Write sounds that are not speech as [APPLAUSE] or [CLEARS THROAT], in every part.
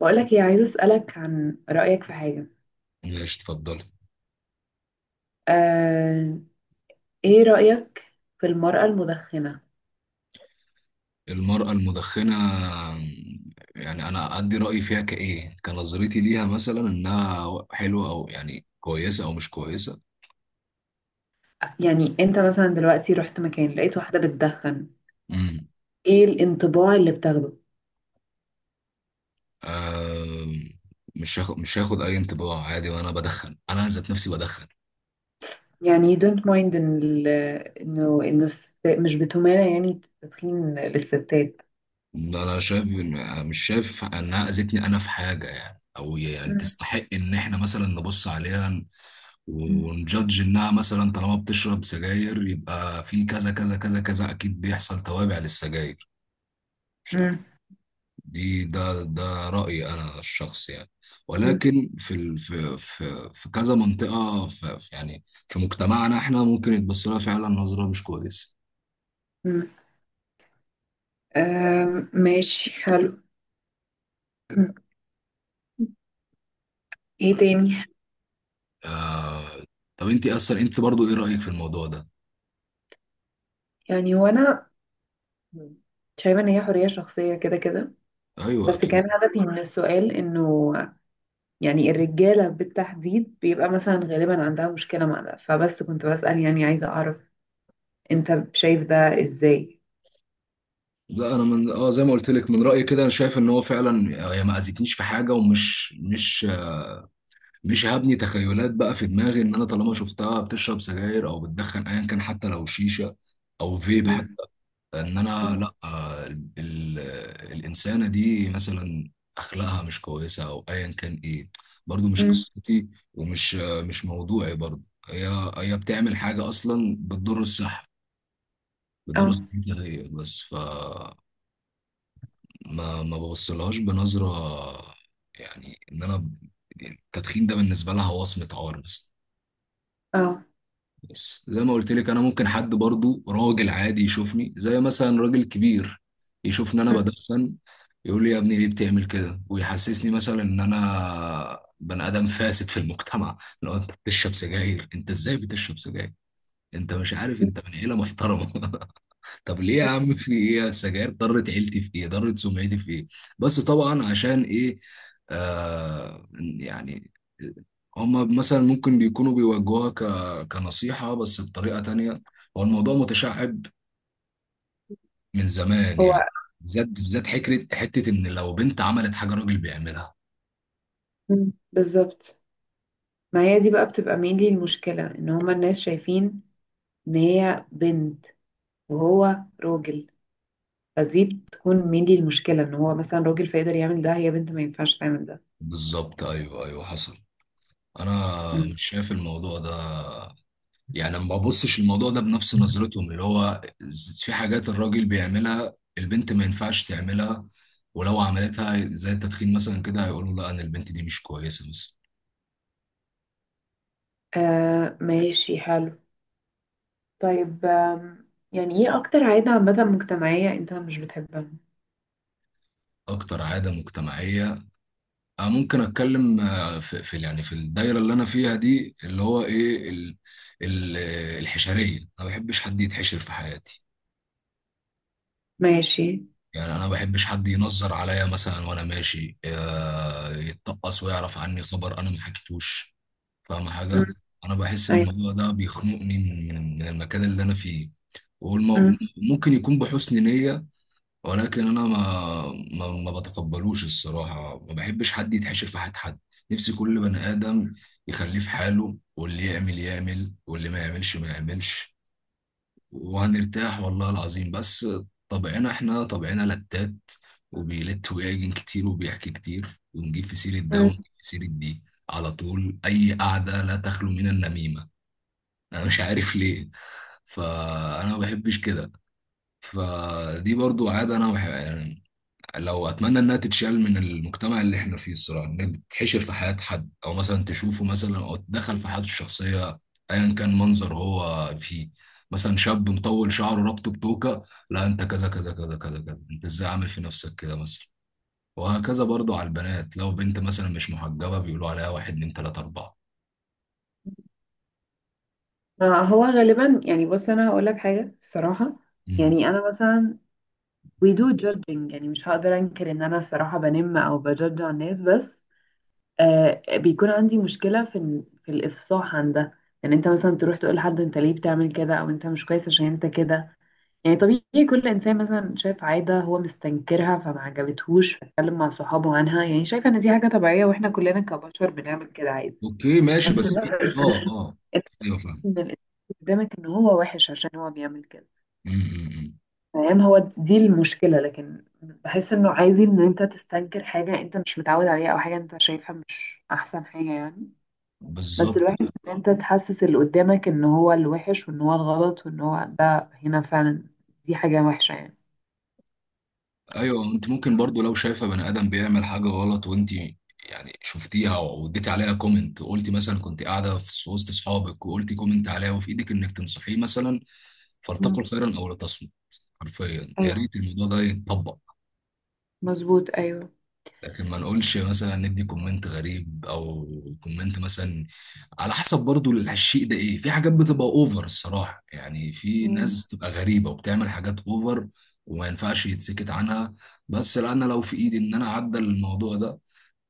بقولك ايه، عايزة أسألك عن رأيك في حاجة. ماشي، اتفضلي. آه، ايه رأيك في المرأة المدخنة؟ المرأة المدخنة؟ يعني أنا أدي رأيي فيها كإيه، كنظرتي ليها مثلا إنها حلوة أو يعني كويسة أو مش كويسة؟ يعني انت مثلا دلوقتي رحت مكان لقيت واحدة بتدخن، امم ايه الانطباع اللي بتاخده؟ آم، مش هاخد أي انطباع، عادي. وأنا بدخن، أنا ذات نفسي بدخن. يعني you don't mind ان انه مش بتمانع يعني التدخين للستات؟ أنا شايف مش شايف إنها أذتني أنا في حاجة يعني، أو يعني مم. تستحق إن إحنا مثلا نبص عليها مم. ونجادج انها مثلا طالما بتشرب سجاير يبقى في كذا كذا كذا كذا، اكيد بيحصل توابع للسجاير. مش عارف. مم. دي ده ده رأيي أنا الشخصي يعني. مم. ولكن في في في كذا منطقة، يعني في مجتمعنا احنا ممكن يتبص لها فعلا نظرة مش كويسة. مم. آم، ماشي، حلو. [CLEARS THROAT] ايه تاني؟ آه... طب انت اصلا انت برضو ايه رأيك في الموضوع ده؟ يعني هو انا شايفة ان هي حرية شخصية، كده كده. ايوه بس اكيد. كان هدفي من السؤال انه يعني الرجالة بالتحديد بيبقى مثلا غالبا عندها مشكلة مع ده، فبس كنت بسأل، يعني عايزة أعرف أنت شايف ده إزاي. لا انا من زي ما قلت لك، من رأيي كده انا شايف ان هو فعلا هي ما اذتنيش في حاجة. ومش مش هبني تخيلات بقى في دماغي ان انا طالما شفتها بتشرب سجاير او بتدخن ايا كان، حتى لو شيشة او فيب، أم. ان انا أم. لا. الانسانه دي مثلا اخلاقها مش كويسه او ايا كان ايه، برضو مش أم. قصتي. ومش مش موضوعي برضو. هي هي بتعمل حاجه اصلا بتضر الصحه، بتضر اه. صحتها هي بس. ف ما ببصلهاش بنظره. يعني يعني التدخين ده بالنسبه لها وصمه عار بس. اه. بص، زي ما قلت لك، انا ممكن حد برضو راجل عادي يشوفني، زي مثلا راجل كبير يشوفني انا أم. بدخن، يقول لي يا ابني ليه بتعمل كده، ويحسسني مثلا ان انا بني ادم فاسد في المجتمع. لو انت بتشرب سجاير، انت ازاي بتشرب سجاير؟ انت مش عارف انت من عيله محترمه؟ [LAUGHS] طب ليه يا عم؟ في ايه؟ السجاير ضرت عيلتي في ايه؟ ضرت سمعتي في ايه؟ بس طبعا عشان ايه؟ آه يعني هما مثلا ممكن بيكونوا بيوجهوها كنصيحة، بس بطريقة تانية. هو الموضوع متشعب من زمان هو يعني، بالذات بالذات حكرة حتة إن لو بنت عملت حاجة راجل بيعملها. أم، بالظبط. ما هي دي بقى بتبقى mainly المشكلة، إن هما الناس شايفين إن هي بنت وهو راجل. فدي بتكون mainly المشكلة، إن هو مثلا راجل فيقدر يعمل ده، هي بنت ما ينفعش تعمل ده. بالظبط، أيوه أيوه حصل. أنا أم. مش شايف الموضوع ده، يعني ما ببصش الموضوع ده بنفس نظرتهم اللي هو في حاجات الراجل بيعملها البنت ما ينفعش تعملها، ولو عملتها زي التدخين مثلا كده هيقولوا لا انا البنت دي مش كويسه مثلا. آه ماشي حلو. طيب آم، يعني ايه اكتر عادة عامة مجتمعية انت مش بتحبها؟ اكتر عاده مجتمعيه؟ أنا ممكن اتكلم في يعني في الدايره اللي انا فيها دي اللي هو ايه، ال ال الحشريه. انا ما بحبش حد يتحشر في حياتي. ماشي. يعني انا ما بحبش حد ينظر عليا مثلا وانا ماشي يتطقص ويعرف عني خبر انا ما حكيتوش. فاهم مم. حاجة؟ أنا بحس إن ايوه. هو ده بيخنقني من المكان اللي أنا فيه. والمو... مم. ممكن يكون بحسن نية، ولكن أنا ما بتقبلوش الصراحة. ما بحبش حد يتحشر في حد. نفسي كل بني آدم يخليه في حاله، واللي يعمل يعمل واللي ما يعملش ما يعملش، وهنرتاح والله العظيم بس. طبعنا احنا طبعنا لتات، وبيلت ويعجن كتير، وبيحكي كتير، ونجيب في سيرة ده مم. ونجيب في سيرة دي على طول. أي قعدة لا تخلو من النميمة، أنا مش عارف ليه. فأنا ما بحبش كده. فدي برضو عادة أنا بحب لو اتمنى انها تتشال من المجتمع اللي احنا فيه الصراحه، انها تتحشر في حياه حد، او مثلا تشوفه مثلا او تدخل في حياته الشخصيه ايا كان منظر هو فيه. مثلا شاب مطول شعره رابطه بتوكه، لا انت كذا كذا كذا كذا كذا، انت ازاي عامل في نفسك كده مثلا. وهكذا برضو على البنات، لو بنت مثلا مش محجبه بيقولوا عليها واحد اتنين تلاته اربعه. ما هو غالبا، يعني بص انا هقول لك حاجة الصراحة. امم. يعني انا مثلا we do judging، يعني مش هقدر انكر ان انا الصراحة بنم او بجدج على الناس، بس آه بيكون عندي مشكلة في في الافصاح عن ده. يعني انت مثلا تروح تقول لحد انت ليه بتعمل كده او انت مش كويس عشان انت كده. يعني طبيعي كل انسان مثلا شاف عاده هو مستنكرها فما عجبتهوش فاتكلم مع صحابه عنها، يعني شايفه ان دي حاجه طبيعيه واحنا كلنا كبشر بنعمل كده عادي. اوكي ماشي. بس [LAUGHS] بس في بقى إنت ايوه فاهم. ان الانسان قدامك ان هو وحش عشان هو بيعمل كده، أمم، أمم. فاهم؟ هو دي المشكله، لكن بحس انه عادي ان انت تستنكر حاجه انت مش متعود عليها او حاجه انت شايفها مش احسن حاجه يعني. بس بالظبط. الوحش ان انت تحسس اللي قدامك ان هو الوحش وان هو الغلط وان هو ده هنا فعلا، دي حاجه وحشه يعني. ايوه انت ممكن برضو لو شايفه بني ادم بيعمل حاجه غلط وانت يعني شفتيها واديتي عليها كومنت، وقلتي مثلا كنت قاعده في وسط اصحابك وقلتي كومنت عليها، وفي ايدك انك تنصحيه مثلا. فلتقل مم. خيرا او لتصمت. حرفيا يا ريت الموضوع ده يتطبق. مظبوط، ايوه. لكن ما نقولش مثلا ندي كومنت غريب او كومنت مثلا، على حسب برضو الشيء ده ايه. في حاجات بتبقى اوفر الصراحة، يعني في مم. ناس بتبقى غريبة وبتعمل حاجات اوفر، وما ينفعش يتسكت عنها. بس لا، انا لو في ايدي ان انا اعدل الموضوع ده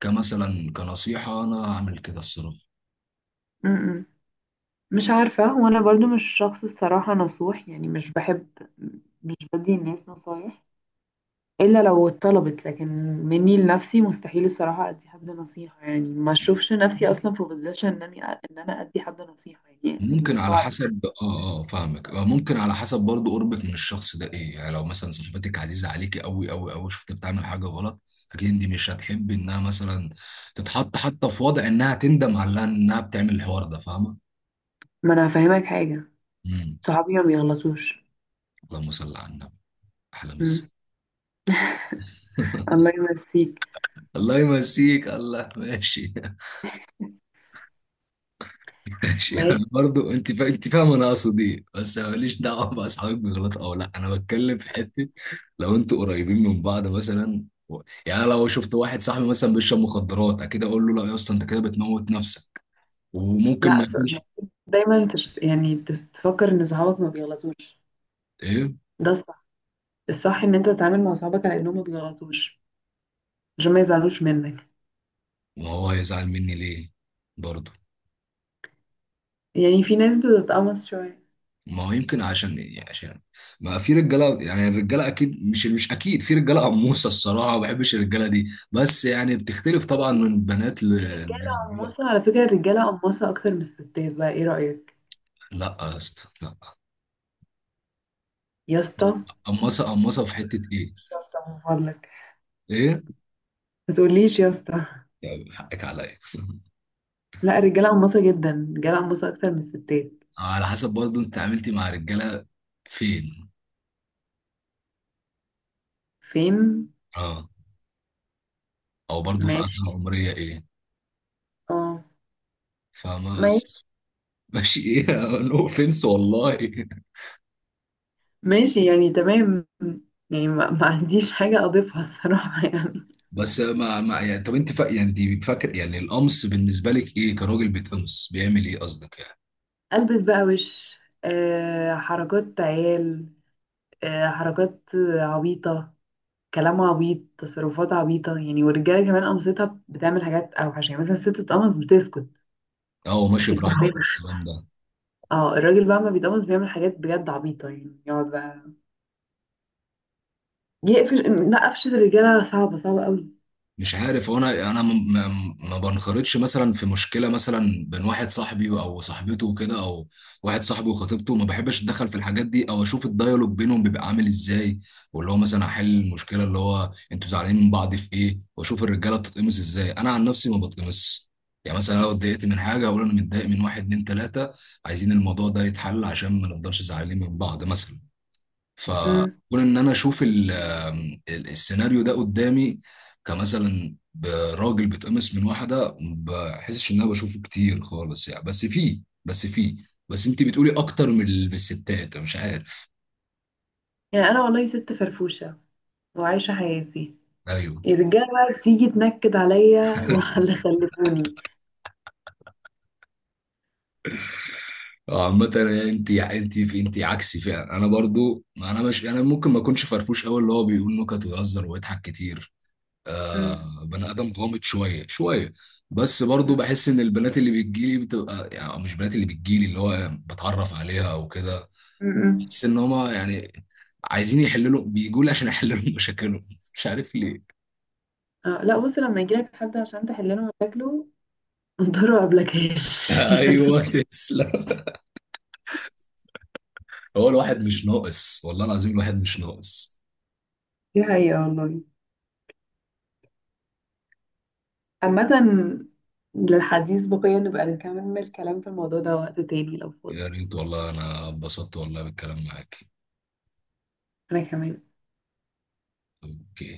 كمثلا كنصيحة، انا هعمل كده الصراحة. م-م. مش عارفة، وانا برضو مش شخص الصراحة نصوح، يعني مش بحب، مش بدي الناس نصايح الا لو اتطلبت. لكن مني لنفسي مستحيل الصراحة ادي حد نصيحة، يعني ما اشوفش نفسي اصلا في بوزيشن انني ان انا ادي حد نصيحة، يعني مش ممكن على بعرف. حسب فاهمك. ممكن على حسب برضو قربك من الشخص ده ايه. يعني لو مثلا صاحبتك عزيزة عليكي قوي قوي قوي، شفت بتعمل حاجة غلط، اكيد انت مش هتحبي انها مثلا تتحط حتى في وضع انها تندم على انها بتعمل الحوار ده، فاهمة؟ ما انا هفهمك حاجة، امم. صحابي ما بيغلطوش. اللهم صل على النبي. احلى مسا. م. [LAUGHS] الله يمسيك، الله يمسيك. الله، ماشي. ماشي. [LAUGHS] يعني ماشي. برضو انت انت فاهم انا اقصد ايه. بس أنا ماليش دعوه باصحابك بيغلطوا او لا، انا بتكلم في حته. لو انتوا قريبين من بعض مثلا يعني لو شفت واحد صاحبي مثلا بيشرب مخدرات اكيد اقول له لا يا اسطى انت كده بتموت نفسك. وممكن لا ما أصل يكونش يعني تفكر ان صحابك ما بيغلطوش، ايه. ده الصح، ان انت تتعامل مع صحابك على انهم ما بيغلطوش عشان ما يزعلوش منك. ما هو هيزعل مني ليه برضو؟ يعني في ناس بتتقمص شويه. ما هو يمكن عشان ايه يعني، عشان ما في رجاله، يعني الرجاله اكيد مش اكيد في رجاله قموصه الصراحه، ما بحبش الرجاله دي. بس يعني بتختلف طبعا من بنات في رجاله لرجاله. قماصه، على فكره الرجاله قماصه اكتر من الستات بقى، ايه رايك؟ لا يا اسطى لا. يا اسطى. قمصه قمصه في حته ايه؟ مش يا اسطى من فضلك، ايه ما تقوليش يا اسطى. يعني؟ حقك عليا. لا الرجاله قماصه جدا، الرجاله قماصه اكتر من الستات. على حسب برضو انت عملتي مع رجاله فين؟ فين؟ اه، او برضو في فتره ماشي. عمريه ايه؟ اه. فاهمه؟ بس ماشي. [LAUGHS] ماشي. ايه، نو اوفنس والله. ماشي يعني، تمام. يعني ما عنديش حاجه اضيفها الصراحه [LAUGHS] يعني. بس ما ما يعني، طب انت يعني انت فاكر يعني القمص بالنسبه لك ايه، كراجل بيتقمص بيعمل ايه قصدك يعني؟ البس بقى وش. آه حركات عيال، آه، حركات عبيطة، كلام عبيط، تصرفات عبيطة، يعني. والرجالة كمان قمصتها بتعمل حاجات أوحش. يعني مثلا الست بتقمص بتسكت، اه، هو ما ماشي، براحتك بتتكلمش. الكلام ده. اه الراجل بقى ما بيتقمص بيعمل حاجات بجد عبيطة، يعني يقعد بقى يقفل، لا قفشة الرجالة صعبة، صعبة قوي. مش عارف، هو انا ما بنخرطش مثلا في مشكله مثلا بين واحد صاحبي او صاحبته وكده، او واحد صاحبي وخطيبته. ما بحبش اتدخل في الحاجات دي، او اشوف الدايالوج بينهم بيبقى عامل ازاي واللي هو مثلا احل المشكله اللي هو انتوا زعلانين من بعض في ايه، واشوف الرجاله بتتقمص ازاي. انا عن نفسي ما بتقمص. يعني مثلا لو اتضايقت من حاجه اقول انا متضايق من واحد اتنين تلاته، عايزين الموضوع ده يتحل عشان ما نفضلش زعلانين من بعض مثلا. امم. فكون ان انا اشوف السيناريو ده قدامي، كمثلا ب- راجل بيتقمص من واحده، ما بحسش ان انا بشوفه كتير خالص يعني. بس فيه، بس فيه. بس انت بتقولي اكتر من من الستات، أنا مش عارف. يعني أنا والله ست فرفوشة وعايشة حياتي، ايوه. الرجالة بقى بتيجي تنكد عليا [LAUGHS] واللي خلفوني. عامة انت انت في انت عكسي فعلا. انا برضو ما انا مش انا ممكن ما اكونش فرفوش قوي اللي هو بيقول نكت ويهزر ويضحك كتير. مم. بني ادم غامض شويه شويه. بس برضو مم. بحس ان البنات اللي بتجيلي بتبقى يعني، أو مش بنات اللي بتجيلي، اللي هو بتعرف عليها او كده، مم. بحس ان هما يعني عايزين يحللوا، بيجوا لي عشان احللهم [LAUGHS] مشاكلهم. مش عارف ليه. اه لا بص، لما يجيلك حد عشان تحل له مشاكله [LAUGHS] انطره قبل كاش [LAUGHS] [LAUGHS] يعني. ايوه تسلم. هو الواحد مش ناقص والله العظيم، الواحد مش ناقص. دي حقيقة والله. عامة، للحديث بقية، نبقى نكمل الكلام في الموضوع ده وقت تاني لو فاضي. يا ريت والله، انا اتبسطت والله بالكلام معاك. أنا كمان. اوكي.